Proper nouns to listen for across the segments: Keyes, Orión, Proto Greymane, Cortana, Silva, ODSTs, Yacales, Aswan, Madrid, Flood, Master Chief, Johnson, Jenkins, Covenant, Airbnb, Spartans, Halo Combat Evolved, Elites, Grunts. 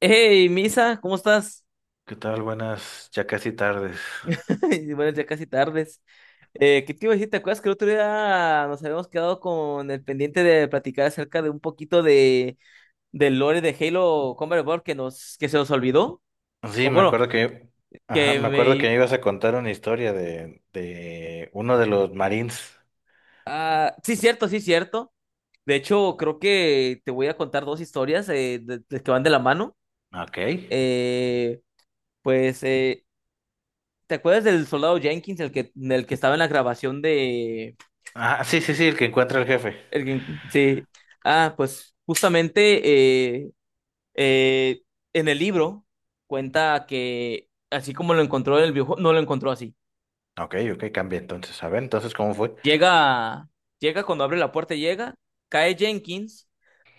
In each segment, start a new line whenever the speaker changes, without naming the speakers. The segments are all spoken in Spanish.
Hey, Misa, ¿cómo estás?
¿Qué tal? Buenas, ya casi tardes.
Y buenas ya casi tardes. ¿Qué te iba a decir? ¿Te acuerdas que el otro día nos habíamos quedado con el pendiente de platicar acerca de un poquito de del lore de Halo Combat Evolved que se nos olvidó? O
Sí, me
bueno,
acuerdo que, ajá,
que
me acuerdo que
me
me ibas a contar una historia de uno de los Marines.
sí cierto, sí cierto. De hecho, creo que te voy a contar dos historias que van de la mano.
Ok.
Eh, pues, ¿te acuerdas del soldado Jenkins, el que estaba en la grabación de
Ah, sí, sí, sí, el que encuentra al jefe.
Sí? Ah, pues justamente eh, eh, en el libro cuenta que así como lo encontró en el videojuego, no lo encontró así.
Ok, ok, cambia entonces. A ver, entonces, ¿cómo fue?
Llega, llega cuando abre la puerta, llega, cae Jenkins,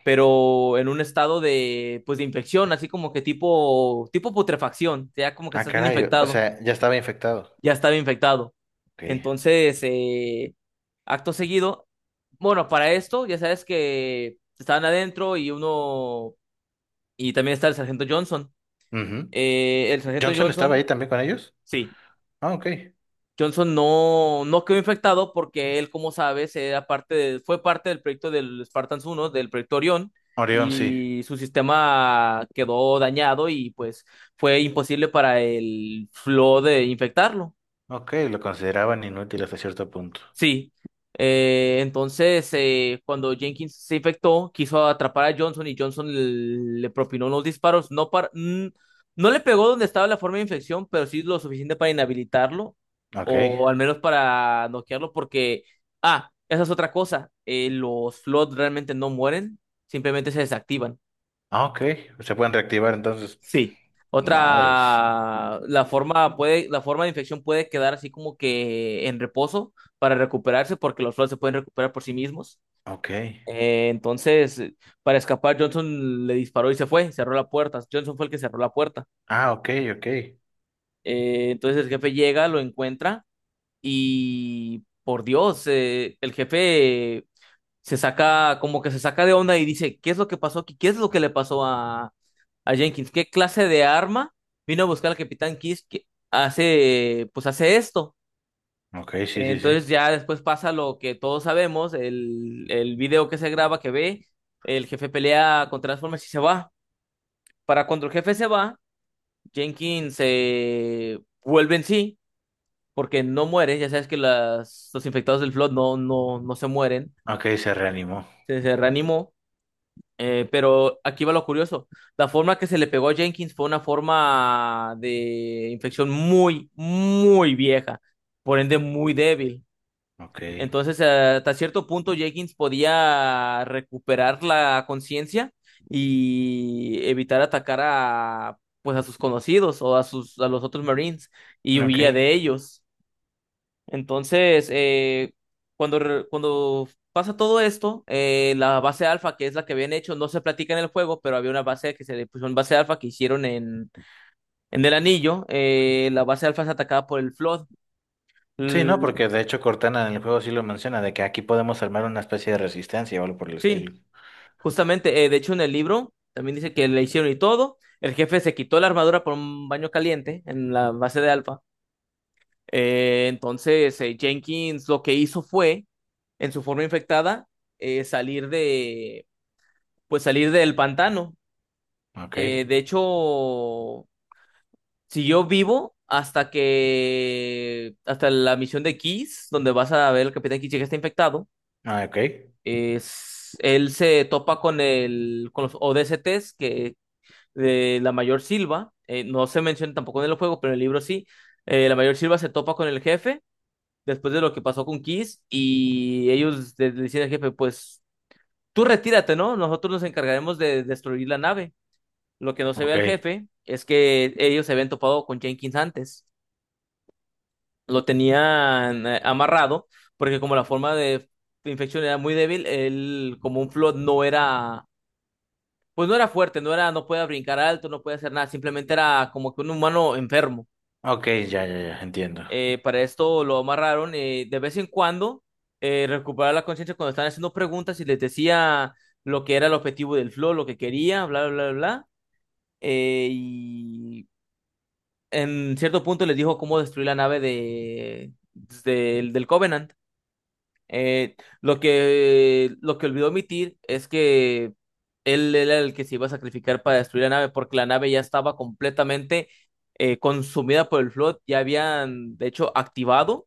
pero en un estado de, pues, de infección, así como que tipo putrefacción, ya como que
Ah,
estás bien
caray, o
infectado,
sea, ya estaba infectado.
ya estaba infectado.
Ok.
Entonces, acto seguido, bueno, para esto, ya sabes que estaban adentro y uno. Y también está el sargento Johnson.
Ujú.
El sargento
¿Johnson estaba ahí
Johnson,
también con ellos?
sí,
Ah, ok.
Johnson no, no quedó infectado porque él, como sabes, fue parte del proyecto del Spartans uno, del proyecto Orión,
Orión, sí.
y su sistema quedó dañado y pues fue imposible para el Flow de infectarlo.
Ok, lo consideraban inútil hasta cierto punto.
Sí. Entonces, cuando Jenkins se infectó, quiso atrapar a Johnson, y Johnson le propinó unos disparos. No, para, no le pegó donde estaba la forma de infección, pero sí lo suficiente para inhabilitarlo
Ok.
o al menos para noquearlo, porque, ah, esa es otra cosa. Los Flood realmente no mueren, simplemente se desactivan.
Ah, ok. Se pueden reactivar entonces.
Sí.
Madres.
Otra, la forma de infección puede quedar así como que en reposo para recuperarse, porque los flores se pueden recuperar por sí mismos.
Ok.
Entonces, para escapar, Johnson le disparó y se fue, cerró la puerta. Johnson fue el que cerró la puerta.
Ah, ok, ok.
Entonces el jefe llega, lo encuentra y, por Dios, el jefe se saca, como que se saca de onda, y dice: ¿qué es lo que pasó aquí? ¿Qué es lo que le pasó a Jenkins? ¿Qué clase de arma vino a buscar al Capitán Kiss que hace, pues hace esto?
Ok, sí, sí, sí.
Entonces ya después pasa lo que todos sabemos: el video que se graba, que ve, el jefe pelea con Transformers y se va. Para cuando el jefe se va, Jenkins se vuelve en sí, porque no muere, ya sabes que los infectados del Flood no, no, no se mueren,
Ok, se reanimó.
se reanimó. Pero aquí va lo curioso. La forma que se le pegó a Jenkins fue una forma de infección muy, muy vieja, por ende muy débil.
Ok.
Entonces, hasta cierto punto, Jenkins podía recuperar la conciencia y evitar atacar a, pues, a sus conocidos a los otros Marines, y
Ok.
huía de ellos. Entonces, cuando pasa todo esto, la base alfa, que es la que habían hecho, no se platica en el juego, pero había una base que se le puso una base alfa que hicieron en el anillo. La base alfa es atacada por el Flood.
Sí, no,
L-
porque de hecho Cortana en el juego sí lo menciona, de que aquí podemos armar una especie de resistencia o algo por el estilo.
sí, justamente. De hecho, en el libro también dice que le hicieron y todo. El jefe se quitó la armadura por un baño caliente en la base de alfa. Entonces, Jenkins lo que hizo fue, en su forma infectada, salir de pues salir del pantano.
Ok.
De hecho, siguió vivo hasta hasta la misión de Kiss, donde vas a ver al Capitán Kiss, que está infectado.
Ah, ok.
Es, él se topa con con los ODSTs que de la mayor Silva. No se menciona tampoco en el juego, pero en el libro sí. La mayor Silva se topa con el jefe después de lo que pasó con Kiss, y ellos le dicen al jefe: pues tú retírate, ¿no? Nosotros nos encargaremos de destruir la nave. Lo que no se ve
Ok.
al jefe es que ellos se habían topado con Jenkins antes. Lo tenían amarrado, porque como la forma de infección era muy débil, él como un flood no era, pues no era fuerte, no era, no podía brincar alto, no podía hacer nada, simplemente era como que un humano enfermo.
Ok, ya, ya, ya, entiendo.
Para esto lo amarraron, de vez en cuando recuperaba la conciencia cuando estaban haciendo preguntas y les decía lo que era el objetivo del flow, lo que quería, bla, bla, bla, bla. Y en cierto punto les dijo cómo destruir la nave de, pues, del Covenant. Eh, lo que olvidó omitir es que él era el que se iba a sacrificar para destruir la nave, porque la nave ya estaba completamente consumida por el Flood. Ya habían, de hecho, activado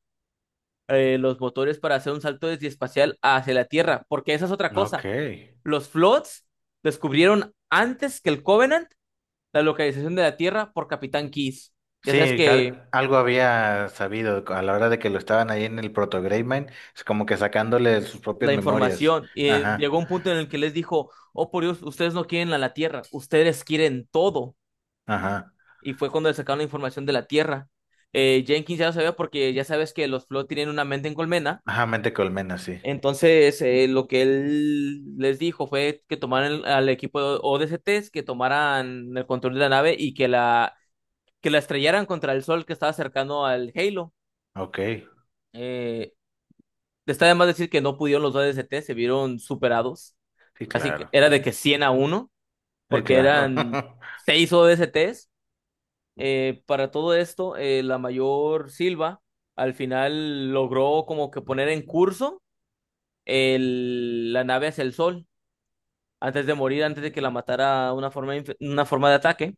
los motores para hacer un salto desde espacial hacia la Tierra, porque esa es otra
Ok.
cosa. Los Floods descubrieron antes que el Covenant la localización de la Tierra por Capitán Keyes. Ya sabes
Sí, que
que
algo había sabido a la hora de que lo estaban ahí en el Proto Greymane, es como que sacándole sus propias
la
memorias.
información. Y
Ajá,
llegó un punto en el que les dijo: oh por Dios, ustedes no quieren a la Tierra, ustedes quieren todo.
ajá.
Y fue cuando le sacaron la información de la Tierra. Jenkins ya lo sabía porque ya sabes que los Flow tienen una mente en colmena.
Ajá, mente colmena, sí.
Entonces, lo que él les dijo fue que tomaran al equipo de ODSTs, que tomaran el control de la nave y que que la estrellaran contra el sol que estaba cercano al Halo.
Ok.
Eh, está además decir que no pudieron los ODSTs, se vieron superados.
Sí,
Así que
claro.
era de que 100 a uno,
Sí,
porque
claro.
eran seis o ODSTs. Para todo esto, la mayor Silva al final logró como que poner en curso la nave hacia el sol antes de morir, antes de que la matara una forma, una forma de ataque.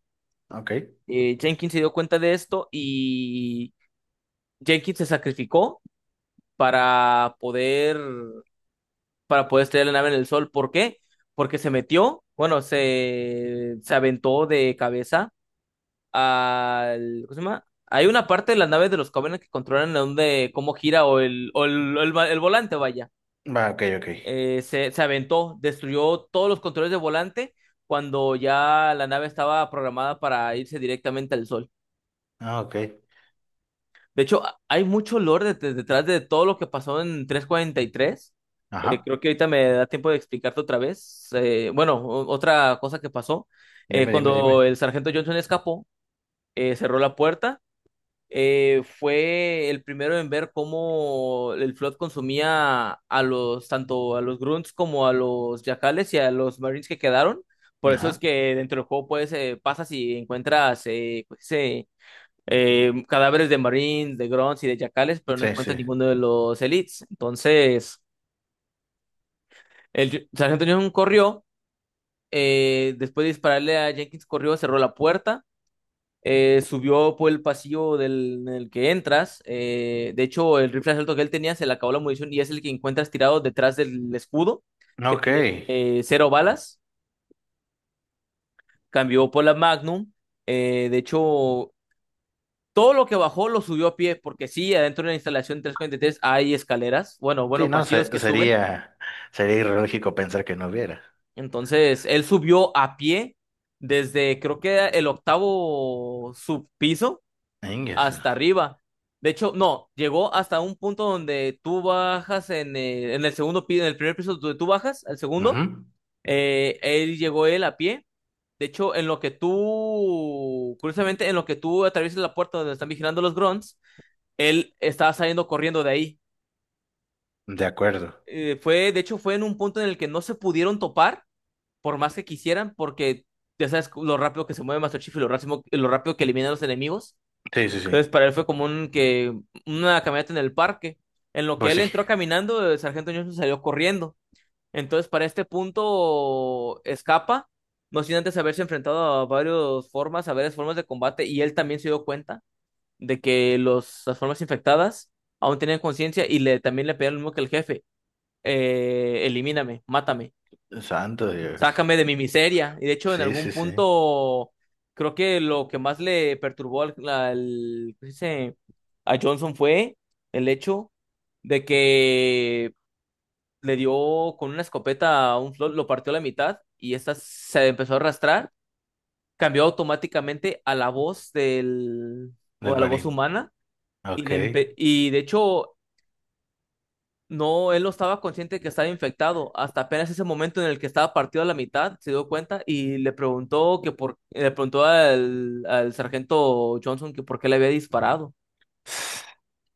Ok.
Jenkins se dio cuenta de esto, y Jenkins se sacrificó para poder, para poder estrellar la nave en el sol. ¿Por qué? Porque se metió, bueno, se aventó de cabeza al, ¿cómo se llama? Hay una parte de las naves de los Covenant que controlan dónde, cómo gira o el volante, vaya.
Va, ok, ok.
Se aventó, destruyó todos los controles de volante cuando ya la nave estaba programada para irse directamente al sol.
Ah, ok.
De hecho, hay mucho lore detrás de todo lo que pasó en 343.
Ajá.
Creo que ahorita me da tiempo de explicarte otra vez. Bueno, otra cosa que pasó.
Dime, dime,
Cuando
dime.
el sargento Johnson escapó, cerró la puerta, fue el primero en ver cómo el Flood consumía tanto a los Grunts como a los Yacales y a los Marines que quedaron. Por eso es
Ajá.
que dentro del juego puedes, pasas y encuentras cadáveres de Marines, de Grunts y de Yacales, pero no
Sí,
encuentras
sí.
ninguno de los Elites. Entonces, el Sargento Johnson corrió, después de dispararle a Jenkins, corrió, cerró la puerta, subió por el pasillo en el que entras. De hecho, el rifle alto que él tenía se le acabó la munición, y es el que encuentras tirado detrás del escudo, que
Ok.
tiene cero balas. Cambió por la Magnum. De hecho, todo lo que bajó lo subió a pie, porque sí, adentro de la instalación 343 hay escaleras, bueno,
Sí,
bueno,
no,
pasillos que suben.
sería ilógico pensar que no hubiera.
Entonces, él subió a pie desde creo que era el octavo subpiso
Ingues.
hasta arriba. De hecho, no, llegó hasta un punto donde tú bajas en en el segundo piso, en el primer piso donde tú bajas, al segundo,
Ujú.
él a pie. De hecho, en lo que tú, curiosamente, en lo que tú atraviesas la puerta donde están vigilando los grunts, él estaba saliendo corriendo de ahí.
De acuerdo.
Fue, de hecho, fue en un punto en el que no se pudieron topar, por más que quisieran, porque ya sabes lo rápido que se mueve Master Chief y lo rápido que elimina a los enemigos.
Sí, sí, sí.
Entonces, para él fue como un que una caminata en el parque. En lo que
Pues
él
sí.
entró caminando, el sargento Johnson salió corriendo. Entonces, para este punto, escapa, no sin antes haberse enfrentado a varias formas de combate, y él también se dio cuenta de las formas infectadas aún tenían conciencia también le pedían lo mismo que el jefe: elimíname, mátame,
Santo Dios.
sácame de mi miseria. Y de hecho, en
Sí, sí,
algún
sí.
punto, creo que lo que más le perturbó ¿qué se dice? A Johnson fue el hecho de que le dio con una escopeta a un flot, lo partió a la mitad, y esta se empezó a arrastrar. Cambió automáticamente a la voz o
Del
a la voz
marín.
humana. Y,
Ok.
le empe- y de hecho, no, él no estaba consciente que estaba infectado. Hasta apenas ese momento en el que estaba partido a la mitad, se dio cuenta y le preguntó le preguntó al sargento Johnson que por qué le había disparado.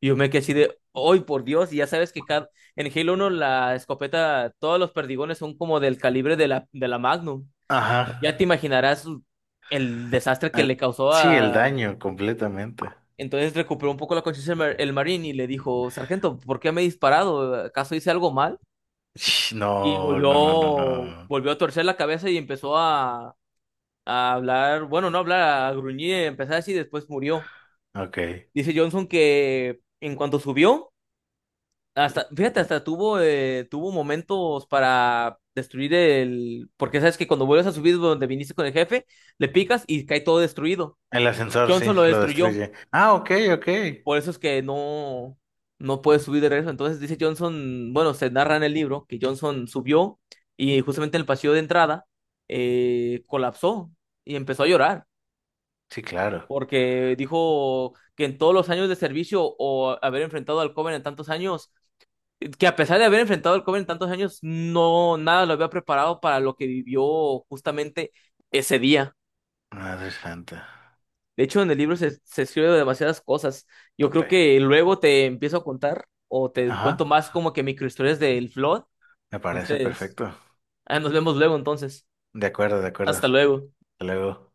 Y yo me quedé así de: ¡ay, por Dios! Y ya sabes que en Halo 1 la escopeta, todos los perdigones son como del calibre de de la Magnum.
Ajá.
Ya te imaginarás el desastre que le causó
Sí, el
a...
daño completamente.
Entonces recuperó un poco la conciencia el marín y le dijo: sargento, ¿por qué me he disparado? ¿Acaso hice algo mal?
Sh,
Y
no, no, no, no, no.
volvió a torcer la cabeza y empezó a hablar, bueno, no hablar, a gruñir, empezar así, y después murió.
Ok.
Dice Johnson que en cuanto subió, hasta, fíjate, hasta tuvo, tuvo momentos para destruir el, porque sabes que cuando vuelves a subir donde viniste con el jefe, le picas y cae todo destruido.
El ascensor, sí,
Johnson lo
lo
destruyó.
destruye. Ah, ok, ok.
Por eso es que no, no puede subir de regreso. Entonces dice Johnson, bueno, se narra en el libro que Johnson subió, y justamente en el pasillo de entrada colapsó y empezó a llorar,
Sí, claro.
porque dijo que en todos los años de servicio o haber enfrentado al Coven en tantos años, que a pesar de haber enfrentado al Coven en tantos años, no nada lo había preparado para lo que vivió justamente ese día.
Madre santa,
De hecho, en el libro se escribe demasiadas cosas. Yo creo
tope.
que luego te empiezo a contar, o te
Ajá,
cuento más como que microhistorias del Flood.
me parece
Entonces,
perfecto.
ah, nos vemos luego entonces.
De acuerdo, de acuerdo.
Hasta luego.
Hasta luego.